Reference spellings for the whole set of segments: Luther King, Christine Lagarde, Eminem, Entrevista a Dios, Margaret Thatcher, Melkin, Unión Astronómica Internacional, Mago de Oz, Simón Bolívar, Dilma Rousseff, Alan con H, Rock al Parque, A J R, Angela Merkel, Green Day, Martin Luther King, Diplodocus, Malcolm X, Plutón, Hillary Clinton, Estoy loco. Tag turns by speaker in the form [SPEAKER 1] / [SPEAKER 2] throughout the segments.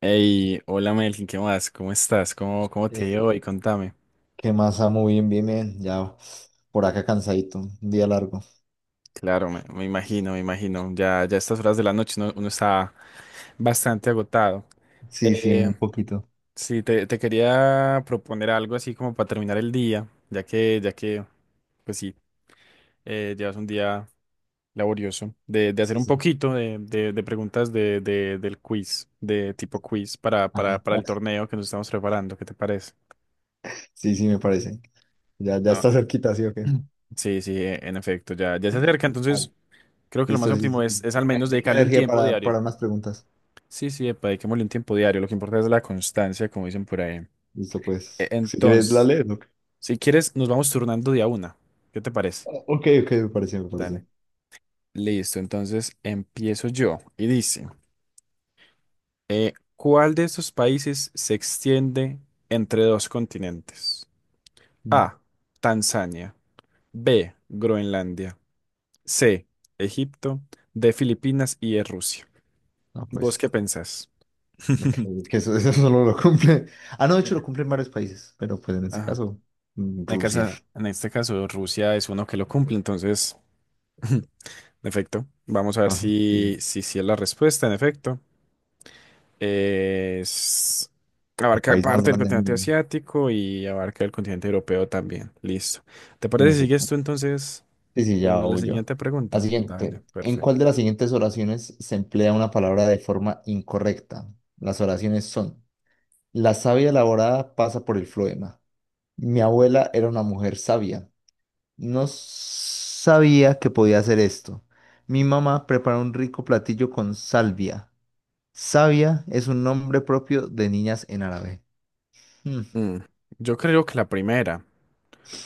[SPEAKER 1] Hey, hola Melkin, ¿qué más? ¿Cómo estás? ¿Cómo te ha
[SPEAKER 2] Eh,
[SPEAKER 1] ido hoy? Contame.
[SPEAKER 2] ¿Qué más, Samu? Bien, bien, bien. Ya por acá cansadito, un día largo.
[SPEAKER 1] Claro, me imagino, me imagino. Ya, ya a estas horas de la noche uno está bastante agotado.
[SPEAKER 2] Sí, sí, un
[SPEAKER 1] Eh,
[SPEAKER 2] poquito.
[SPEAKER 1] sí, te quería proponer algo así como para terminar el día, ya que, pues sí, llevas un día laborioso, de hacer
[SPEAKER 2] Sí,
[SPEAKER 1] un
[SPEAKER 2] sí.
[SPEAKER 1] poquito de preguntas del quiz, de tipo quiz para,
[SPEAKER 2] Ay,
[SPEAKER 1] para, para el torneo que nos estamos preparando. ¿Qué te parece?
[SPEAKER 2] sí, sí, me parece. Ya, ya
[SPEAKER 1] No,
[SPEAKER 2] está cerquita, ¿sí o qué?
[SPEAKER 1] sí, sí, en efecto, ya se acerca,
[SPEAKER 2] Ah,
[SPEAKER 1] entonces. Creo que lo más
[SPEAKER 2] listo, sí,
[SPEAKER 1] óptimo
[SPEAKER 2] sí.
[SPEAKER 1] es
[SPEAKER 2] ¿Qué
[SPEAKER 1] al menos dedicarle un
[SPEAKER 2] energía
[SPEAKER 1] tiempo
[SPEAKER 2] para
[SPEAKER 1] diario.
[SPEAKER 2] más preguntas?
[SPEAKER 1] Sí, sí, epa, dediquémosle un tiempo diario. Lo que importa es la constancia, como dicen por ahí.
[SPEAKER 2] Listo,
[SPEAKER 1] E-
[SPEAKER 2] pues. Si quieres, la
[SPEAKER 1] Entonces,
[SPEAKER 2] lees, ¿o qué?
[SPEAKER 1] si quieres, nos vamos turnando día una. ¿Qué te parece?
[SPEAKER 2] Ah, ok, ok, me pareció, me pareció.
[SPEAKER 1] Dale. Listo, entonces empiezo yo. Y dice, ¿cuál de estos países se extiende entre dos continentes?
[SPEAKER 2] No,
[SPEAKER 1] A, Tanzania. B, Groenlandia. C, Egipto. D, Filipinas y E, Rusia.
[SPEAKER 2] no,
[SPEAKER 1] ¿Vos
[SPEAKER 2] pues.
[SPEAKER 1] qué pensás?
[SPEAKER 2] Ok, que eso, eso solo lo cumple. Ah, no, de hecho
[SPEAKER 1] Eh,
[SPEAKER 2] lo cumplen varios países, pero pues en este
[SPEAKER 1] Ajá.
[SPEAKER 2] caso,
[SPEAKER 1] En
[SPEAKER 2] Rusia.
[SPEAKER 1] casa- en este caso, Rusia es uno que lo cumple, entonces, en efecto, vamos a ver si,
[SPEAKER 2] Sí,
[SPEAKER 1] si, si es la respuesta, en efecto. Es,
[SPEAKER 2] el
[SPEAKER 1] abarca
[SPEAKER 2] país más
[SPEAKER 1] parte del
[SPEAKER 2] grande del
[SPEAKER 1] continente
[SPEAKER 2] mundo,
[SPEAKER 1] asiático y abarca el continente europeo también. Listo. ¿Te
[SPEAKER 2] en
[SPEAKER 1] parece si sigues
[SPEAKER 2] efecto.
[SPEAKER 1] tú entonces
[SPEAKER 2] Sí, sí, ya
[SPEAKER 1] con la
[SPEAKER 2] huyo.
[SPEAKER 1] siguiente
[SPEAKER 2] La
[SPEAKER 1] pregunta? Dale,
[SPEAKER 2] siguiente. ¿En
[SPEAKER 1] perfecto.
[SPEAKER 2] cuál de las siguientes oraciones se emplea una palabra de forma incorrecta? Las oraciones son: la savia elaborada pasa por el floema. Mi abuela era una mujer sabia. No sabía que podía hacer esto. Mi mamá prepara un rico platillo con salvia. Savia es un nombre propio de niñas en árabe. Mm,
[SPEAKER 1] Mm, Yo creo que la primera,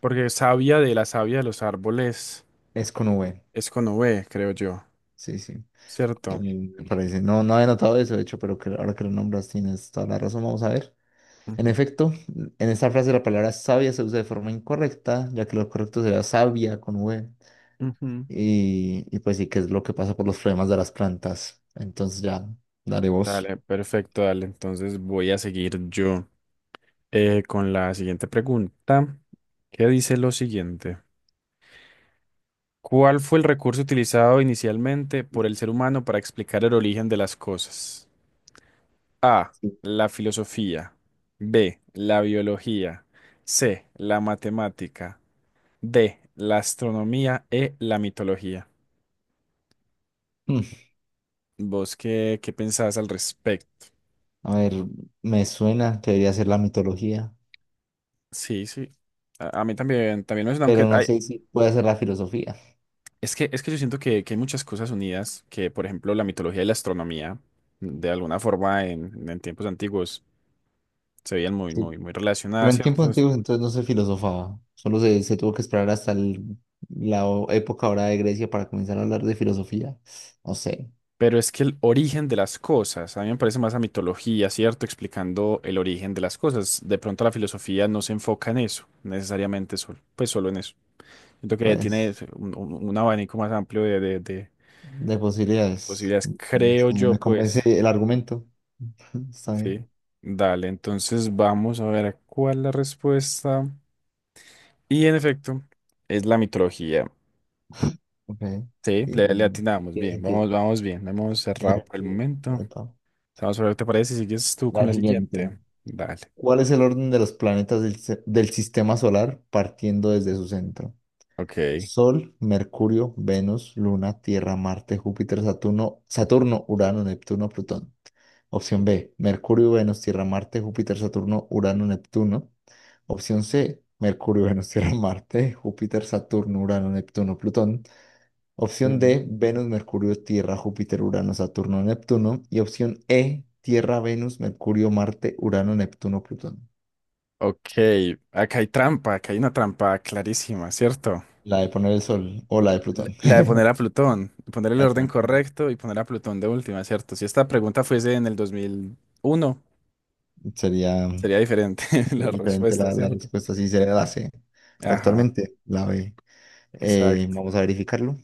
[SPEAKER 1] porque savia de la savia de los árboles
[SPEAKER 2] es con V.
[SPEAKER 1] es con V, creo yo,
[SPEAKER 2] Sí, sí.
[SPEAKER 1] ¿cierto?
[SPEAKER 2] Me parece. No, no había notado eso, de hecho, pero que ahora que lo nombras tienes toda la razón. Vamos a ver. En
[SPEAKER 1] Ujú,
[SPEAKER 2] efecto, en esta frase la palabra sabia se usa de forma incorrecta, ya que lo correcto sería sabia con V.
[SPEAKER 1] ujú.
[SPEAKER 2] Y, y pues sí, que es lo que pasa por los problemas de las plantas. Entonces ya daré voz.
[SPEAKER 1] Dale, perfecto, dale. Entonces voy a seguir yo con la siguiente pregunta, que dice lo siguiente. ¿Cuál fue el recurso utilizado inicialmente por el ser humano para explicar el origen de las cosas? A,
[SPEAKER 2] Sí.
[SPEAKER 1] la filosofía. B, la biología. C, la matemática. D, la astronomía. E, la mitología.
[SPEAKER 2] Mm,
[SPEAKER 1] ¿Vos qué pensás al respecto?
[SPEAKER 2] a ver, me suena que debería ser la mitología,
[SPEAKER 1] Sí, sí. A mí también, también me suena, aunque
[SPEAKER 2] pero no
[SPEAKER 1] hay,
[SPEAKER 2] sé si puede ser la filosofía.
[SPEAKER 1] es que, es que yo siento que hay muchas cosas unidas, que por ejemplo la mitología y la astronomía, de alguna forma en tiempos antiguos, se veían muy,
[SPEAKER 2] Sí,
[SPEAKER 1] muy, muy
[SPEAKER 2] pero
[SPEAKER 1] relacionadas,
[SPEAKER 2] en
[SPEAKER 1] ¿cierto?
[SPEAKER 2] tiempos
[SPEAKER 1] Entonces,
[SPEAKER 2] antiguos entonces no se filosofaba, se tuvo que esperar hasta la época ahora de Grecia para comenzar a hablar de filosofía. No sé,
[SPEAKER 1] pero es que el origen de las cosas, a mí me parece más la mitología, ¿cierto? Explicando el origen de las cosas. De pronto la filosofía no se enfoca en eso, necesariamente solo, pues solo en eso. Siento que tiene
[SPEAKER 2] pues.
[SPEAKER 1] un abanico más amplio de
[SPEAKER 2] De posibilidades.
[SPEAKER 1] posibilidades, creo
[SPEAKER 2] No
[SPEAKER 1] yo,
[SPEAKER 2] me convence
[SPEAKER 1] pues,
[SPEAKER 2] el argumento. Está bien.
[SPEAKER 1] sí. Dale, entonces vamos a ver cuál es la respuesta. Y en efecto, es la mitología.
[SPEAKER 2] Ok.
[SPEAKER 1] Sí,
[SPEAKER 2] Sí,
[SPEAKER 1] le atinamos
[SPEAKER 2] tiene
[SPEAKER 1] bien,
[SPEAKER 2] sentido.
[SPEAKER 1] vamos, vamos bien, la hemos
[SPEAKER 2] Tiene
[SPEAKER 1] cerrado por el
[SPEAKER 2] sentido.
[SPEAKER 1] momento.
[SPEAKER 2] Epa.
[SPEAKER 1] Vamos a ver, ¿te parece? Sigues tú con
[SPEAKER 2] La
[SPEAKER 1] la
[SPEAKER 2] siguiente.
[SPEAKER 1] siguiente. Dale.
[SPEAKER 2] ¿Cuál es el orden de los planetas del sistema solar partiendo desde su centro?
[SPEAKER 1] Ok.
[SPEAKER 2] Sol, Mercurio, Venus, Luna, Tierra, Marte, Júpiter, Saturno, Urano, Neptuno, Plutón. Opción B, Mercurio, Venus, Tierra, Marte, Júpiter, Saturno, Urano, Neptuno. Opción C, Mercurio, Venus, Tierra, Marte, Júpiter, Saturno, Urano, Neptuno, Plutón. Opción
[SPEAKER 1] Mm.
[SPEAKER 2] D, Venus, Mercurio, Tierra, Júpiter, Urano, Saturno, Neptuno. Y opción E, Tierra, Venus, Mercurio, Marte, Urano, Neptuno, Plutón.
[SPEAKER 1] Ok, acá hay trampa, acá hay una trampa clarísima, ¿cierto?
[SPEAKER 2] La de poner el sol o la de
[SPEAKER 1] La
[SPEAKER 2] Plutón.
[SPEAKER 1] la de poner a Plutón, poner el
[SPEAKER 2] La de
[SPEAKER 1] orden
[SPEAKER 2] poner Plutón.
[SPEAKER 1] correcto y poner a Plutón de última, ¿cierto? Si esta pregunta fuese en el 2001
[SPEAKER 2] Sería,
[SPEAKER 1] sería diferente la
[SPEAKER 2] sería diferente
[SPEAKER 1] respuesta,
[SPEAKER 2] la
[SPEAKER 1] ¿cierto?
[SPEAKER 2] respuesta si sería la C. Pero
[SPEAKER 1] Ajá,
[SPEAKER 2] actualmente la B.
[SPEAKER 1] exacto.
[SPEAKER 2] Vamos a verificarlo.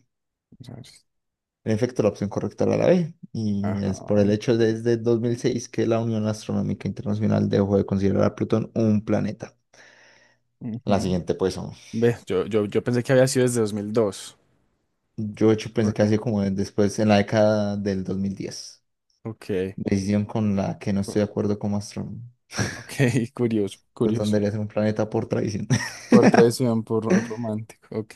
[SPEAKER 2] En efecto, la opción correcta era la B, y
[SPEAKER 1] Ajá.
[SPEAKER 2] es por el hecho de desde 2006 que la Unión Astronómica Internacional dejó de considerar a Plutón un planeta. La
[SPEAKER 1] Ujú.
[SPEAKER 2] siguiente, pues, son-
[SPEAKER 1] Ve, yo pensé que había sido desde 2002.
[SPEAKER 2] yo de hecho pensé
[SPEAKER 1] ¿Por
[SPEAKER 2] que
[SPEAKER 1] qué?
[SPEAKER 2] así como después, en la década del 2010.
[SPEAKER 1] Ok,
[SPEAKER 2] Decisión con la que no estoy
[SPEAKER 1] o-
[SPEAKER 2] de acuerdo como astrónomo.
[SPEAKER 1] ok, curioso,
[SPEAKER 2] Plutón
[SPEAKER 1] curioso.
[SPEAKER 2] debería ser un planeta por tradición.
[SPEAKER 1] Por traición, por romántico. Ok,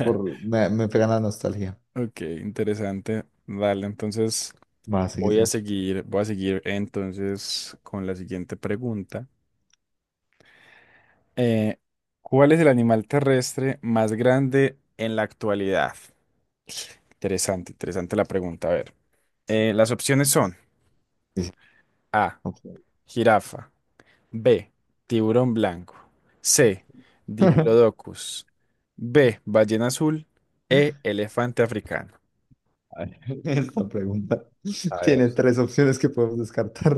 [SPEAKER 2] Por, me pega la nostalgia.
[SPEAKER 1] ok, interesante. Dale, entonces
[SPEAKER 2] Va, seguís vos.
[SPEAKER 1] voy a seguir entonces con la siguiente pregunta. Eh, ¿Cuál es el animal terrestre más grande en la actualidad? Interesante, interesante la pregunta. A ver, las opciones son
[SPEAKER 2] Sí, sí,
[SPEAKER 1] A,
[SPEAKER 2] ok.
[SPEAKER 1] jirafa, B. Tiburón blanco. C. Diplodocus. B. Ballena azul. E. Elefante africano.
[SPEAKER 2] A ver, esta pregunta
[SPEAKER 1] A ver.
[SPEAKER 2] tiene tres opciones que podemos descartar.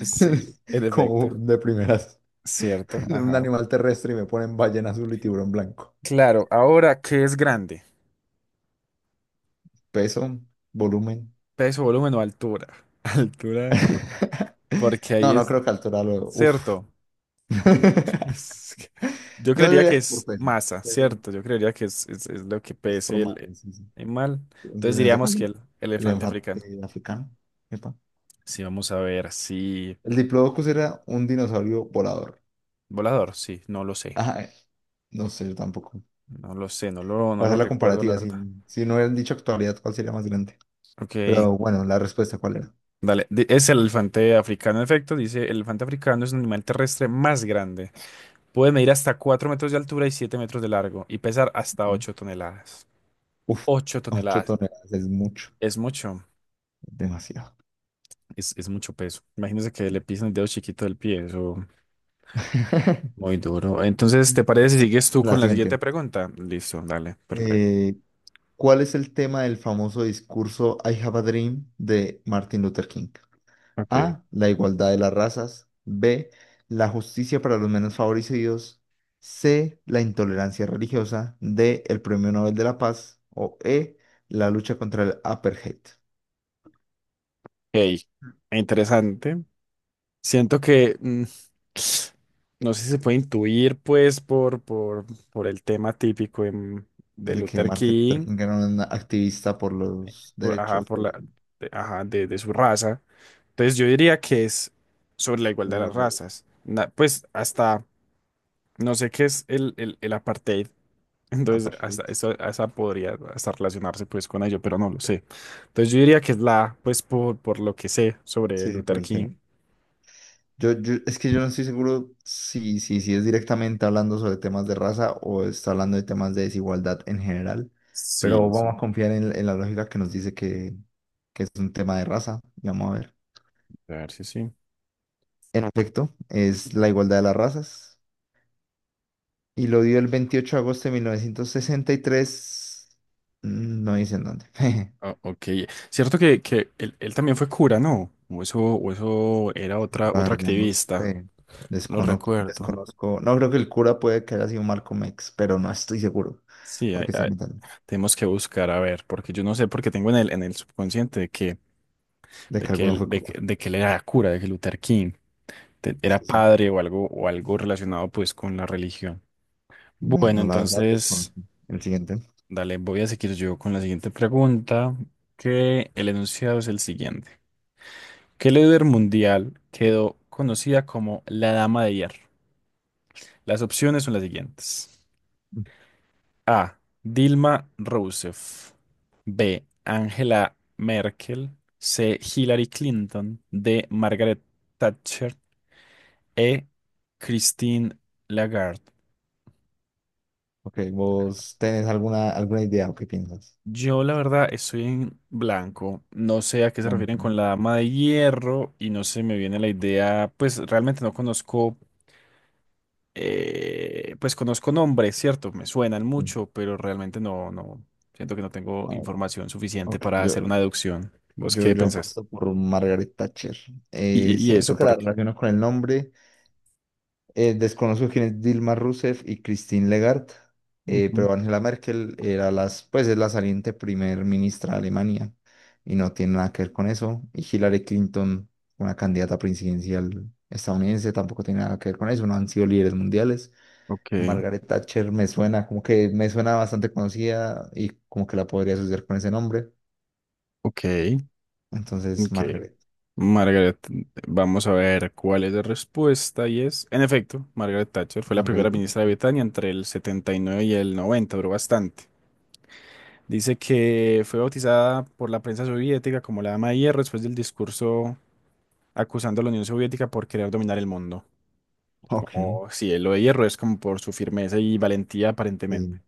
[SPEAKER 1] Sí, en
[SPEAKER 2] Como
[SPEAKER 1] efecto.
[SPEAKER 2] de primeras,
[SPEAKER 1] Cierto,
[SPEAKER 2] de un
[SPEAKER 1] ajá.
[SPEAKER 2] animal terrestre y me ponen ballena azul y tiburón blanco.
[SPEAKER 1] Claro, ahora, ¿qué es grande?
[SPEAKER 2] Peso, volumen.
[SPEAKER 1] Peso, volumen o altura. Altura, porque
[SPEAKER 2] No,
[SPEAKER 1] ahí
[SPEAKER 2] no
[SPEAKER 1] es
[SPEAKER 2] creo que altura lo. Uf.
[SPEAKER 1] cierto. Es que- Yo
[SPEAKER 2] No
[SPEAKER 1] creería
[SPEAKER 2] diría
[SPEAKER 1] que
[SPEAKER 2] que por
[SPEAKER 1] es
[SPEAKER 2] peso.
[SPEAKER 1] masa,
[SPEAKER 2] Peso
[SPEAKER 1] ¿cierto? Yo creería que es lo que
[SPEAKER 2] es por
[SPEAKER 1] pese
[SPEAKER 2] más.
[SPEAKER 1] el
[SPEAKER 2] Sí, sí.
[SPEAKER 1] animal.
[SPEAKER 2] Entonces,
[SPEAKER 1] Entonces
[SPEAKER 2] en ese
[SPEAKER 1] diríamos
[SPEAKER 2] caso,
[SPEAKER 1] que el
[SPEAKER 2] el
[SPEAKER 1] elefante africano.
[SPEAKER 2] enfate africano. Epa.
[SPEAKER 1] Sí, vamos a ver, sí.
[SPEAKER 2] El Diplodocus era un dinosaurio volador.
[SPEAKER 1] Volador, sí, no lo sé.
[SPEAKER 2] Ajá, no sé, yo tampoco.
[SPEAKER 1] No lo sé, no lo, no
[SPEAKER 2] Para
[SPEAKER 1] lo
[SPEAKER 2] hacer la
[SPEAKER 1] recuerdo, la
[SPEAKER 2] comparativa, si,
[SPEAKER 1] verdad.
[SPEAKER 2] si no hubieran dicho actualidad, ¿cuál sería más grande?
[SPEAKER 1] Ok,
[SPEAKER 2] Pero bueno, la respuesta, ¿cuál era?
[SPEAKER 1] dale. Es el elefante africano, en efecto. Dice, el elefante africano es un animal terrestre más grande. Puede medir hasta 4 metros de altura y 7 metros de largo y pesar hasta 8 toneladas.
[SPEAKER 2] Uf,
[SPEAKER 1] 8
[SPEAKER 2] 8
[SPEAKER 1] toneladas.
[SPEAKER 2] toneladas es mucho,
[SPEAKER 1] Es mucho,
[SPEAKER 2] demasiado.
[SPEAKER 1] es mucho peso. Imagínese que le pisan el dedo chiquito del pie, eso muy duro. Entonces, ¿te parece si sigues tú
[SPEAKER 2] La
[SPEAKER 1] con la siguiente
[SPEAKER 2] siguiente.
[SPEAKER 1] pregunta? Listo, dale, perfecto.
[SPEAKER 2] Eh, ¿Cuál es el tema del famoso discurso I Have a Dream de Martin Luther King?
[SPEAKER 1] Ok.
[SPEAKER 2] A. La igualdad de las razas. B. La justicia para los menos favorecidos. C. La intolerancia religiosa. D. El Premio Nobel de la Paz. O E. La lucha contra el apartheid.
[SPEAKER 1] Ok, interesante. Siento que, no sé si se puede intuir, pues, por el tema típico de
[SPEAKER 2] De que
[SPEAKER 1] Luther
[SPEAKER 2] Martin Luther
[SPEAKER 1] King,
[SPEAKER 2] King era un activista por los
[SPEAKER 1] por, ajá,
[SPEAKER 2] derechos
[SPEAKER 1] por
[SPEAKER 2] de la,
[SPEAKER 1] la, de, ajá, de su raza. Entonces yo diría que es sobre la
[SPEAKER 2] la
[SPEAKER 1] igualdad de las
[SPEAKER 2] igualdad.
[SPEAKER 1] razas. Na- pues hasta, no sé qué es el apartheid. Entonces, hasta
[SPEAKER 2] Apartheid.
[SPEAKER 1] eso, esa podría hasta relacionarse pues con ello, pero no lo sé. Entonces yo diría que es la, pues por lo que sé sobre
[SPEAKER 2] Sí, sí, por
[SPEAKER 1] Luther
[SPEAKER 2] el tema.
[SPEAKER 1] King.
[SPEAKER 2] Es que yo no estoy seguro si, si es directamente hablando sobre temas de raza o está hablando de temas de desigualdad en general, pero
[SPEAKER 1] Sí, sí.
[SPEAKER 2] vamos a confiar en la lógica que nos dice que es un tema de raza y vamos a ver.
[SPEAKER 1] A ver si sí.
[SPEAKER 2] En efecto, es la igualdad de las razas y lo dio el 28 de agosto de 1963, no dice dónde.
[SPEAKER 1] Ah, ok. Cierto que él también fue cura, ¿no? O eso era otra,
[SPEAKER 2] La
[SPEAKER 1] otra
[SPEAKER 2] verdad, no
[SPEAKER 1] activista.
[SPEAKER 2] sé.
[SPEAKER 1] No lo
[SPEAKER 2] Descono-
[SPEAKER 1] recuerdo.
[SPEAKER 2] desconozco. No creo que el cura puede que haya sido Malcolm X, pero no estoy seguro
[SPEAKER 1] Sí,
[SPEAKER 2] porque se metan
[SPEAKER 1] tenemos que buscar, a ver, porque yo no sé, porque tengo en el subconsciente
[SPEAKER 2] de que alguno fue cura.
[SPEAKER 1] de que él era cura, de que Luther King era
[SPEAKER 2] Sí, sí.
[SPEAKER 1] padre o algo, relacionado pues con la religión. Bueno,
[SPEAKER 2] Bueno, la verdad
[SPEAKER 1] entonces,
[SPEAKER 2] desconozco. El siguiente.
[SPEAKER 1] dale, voy a seguir yo con la siguiente pregunta, que el enunciado es el siguiente. ¿Qué líder mundial quedó conocida como la Dama de Hierro? Las opciones son las siguientes.
[SPEAKER 2] Mm.
[SPEAKER 1] A. Dilma Rousseff. B. Angela Merkel. C. Hillary Clinton. D. Margaret Thatcher. E. Christine Lagarde.
[SPEAKER 2] Ok, ¿vos tenés alguna, alguna idea o qué piensas?
[SPEAKER 1] Yo la verdad estoy en blanco. No sé a qué se
[SPEAKER 2] Bueno,
[SPEAKER 1] refieren con la dama de hierro y no se me viene la idea. Pues realmente no conozco pues conozco nombres, ¿cierto? Me suenan
[SPEAKER 2] sí.
[SPEAKER 1] mucho, pero realmente no, no, siento que no tengo
[SPEAKER 2] A ver,
[SPEAKER 1] información suficiente
[SPEAKER 2] ok.
[SPEAKER 1] para hacer una deducción. ¿Vos qué
[SPEAKER 2] Yo
[SPEAKER 1] pensás?
[SPEAKER 2] apuesto por Margaret Thatcher.
[SPEAKER 1] Y eso,
[SPEAKER 2] Siento que la
[SPEAKER 1] porque...
[SPEAKER 2] relaciono con el nombre. Desconozco quién es Dilma Rousseff y Christine Lagarde,
[SPEAKER 1] Ujú.
[SPEAKER 2] pero Angela Merkel era las, pues es la saliente primer ministra de Alemania y no tiene nada que ver con eso. Y Hillary Clinton, una candidata presidencial estadounidense, tampoco tiene nada que ver con eso, no han sido líderes mundiales.
[SPEAKER 1] Ok,
[SPEAKER 2] Margaret Thatcher me suena, como que me suena bastante conocida y como que la podría asociar con ese nombre.
[SPEAKER 1] ok,
[SPEAKER 2] Entonces,
[SPEAKER 1] ok. Margaret, vamos a ver cuál es la respuesta y es, en efecto, Margaret Thatcher fue la
[SPEAKER 2] Margaret
[SPEAKER 1] primera
[SPEAKER 2] Thatcher.
[SPEAKER 1] ministra de Britania entre el 79 y el 90. Duró bastante. Dice que fue bautizada por la prensa soviética como la Dama de Hierro después del discurso acusando a la Unión Soviética por querer dominar el mundo.
[SPEAKER 2] Ok,
[SPEAKER 1] Como si lo de hierro es como por su firmeza y valentía aparentemente.
[SPEAKER 2] sí,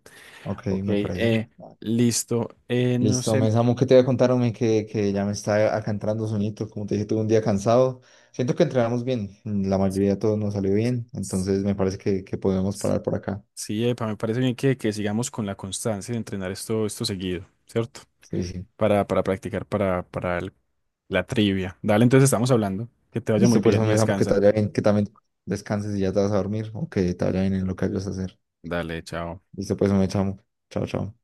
[SPEAKER 2] ok,
[SPEAKER 1] Ok,
[SPEAKER 2] me parece.
[SPEAKER 1] listo. No
[SPEAKER 2] Listo,
[SPEAKER 1] sé.
[SPEAKER 2] me Samu, ¿qué te voy a contar, hombre? Que ya me está acá entrando sonito. Como te dije, tuve un día cansado. Siento que entrenamos bien. La mayoría de todos nos salió bien.
[SPEAKER 1] s-
[SPEAKER 2] Entonces me parece que podemos
[SPEAKER 1] s-
[SPEAKER 2] parar por acá.
[SPEAKER 1] Sí, epa, me parece bien que sigamos con la constancia de entrenar esto seguido, ¿cierto?
[SPEAKER 2] Sí, sí.
[SPEAKER 1] Para practicar para la trivia. Dale, entonces estamos hablando. Que te vaya muy
[SPEAKER 2] Listo, pues,
[SPEAKER 1] bien y
[SPEAKER 2] hombre, Samu, que te
[SPEAKER 1] descansa.
[SPEAKER 2] vaya bien, que también descanses y ya te vas a dormir o que te vaya bien en lo que vayas a hacer.
[SPEAKER 1] Dale, chao.
[SPEAKER 2] Listo, pues, hombre, Samu. Chao, chao.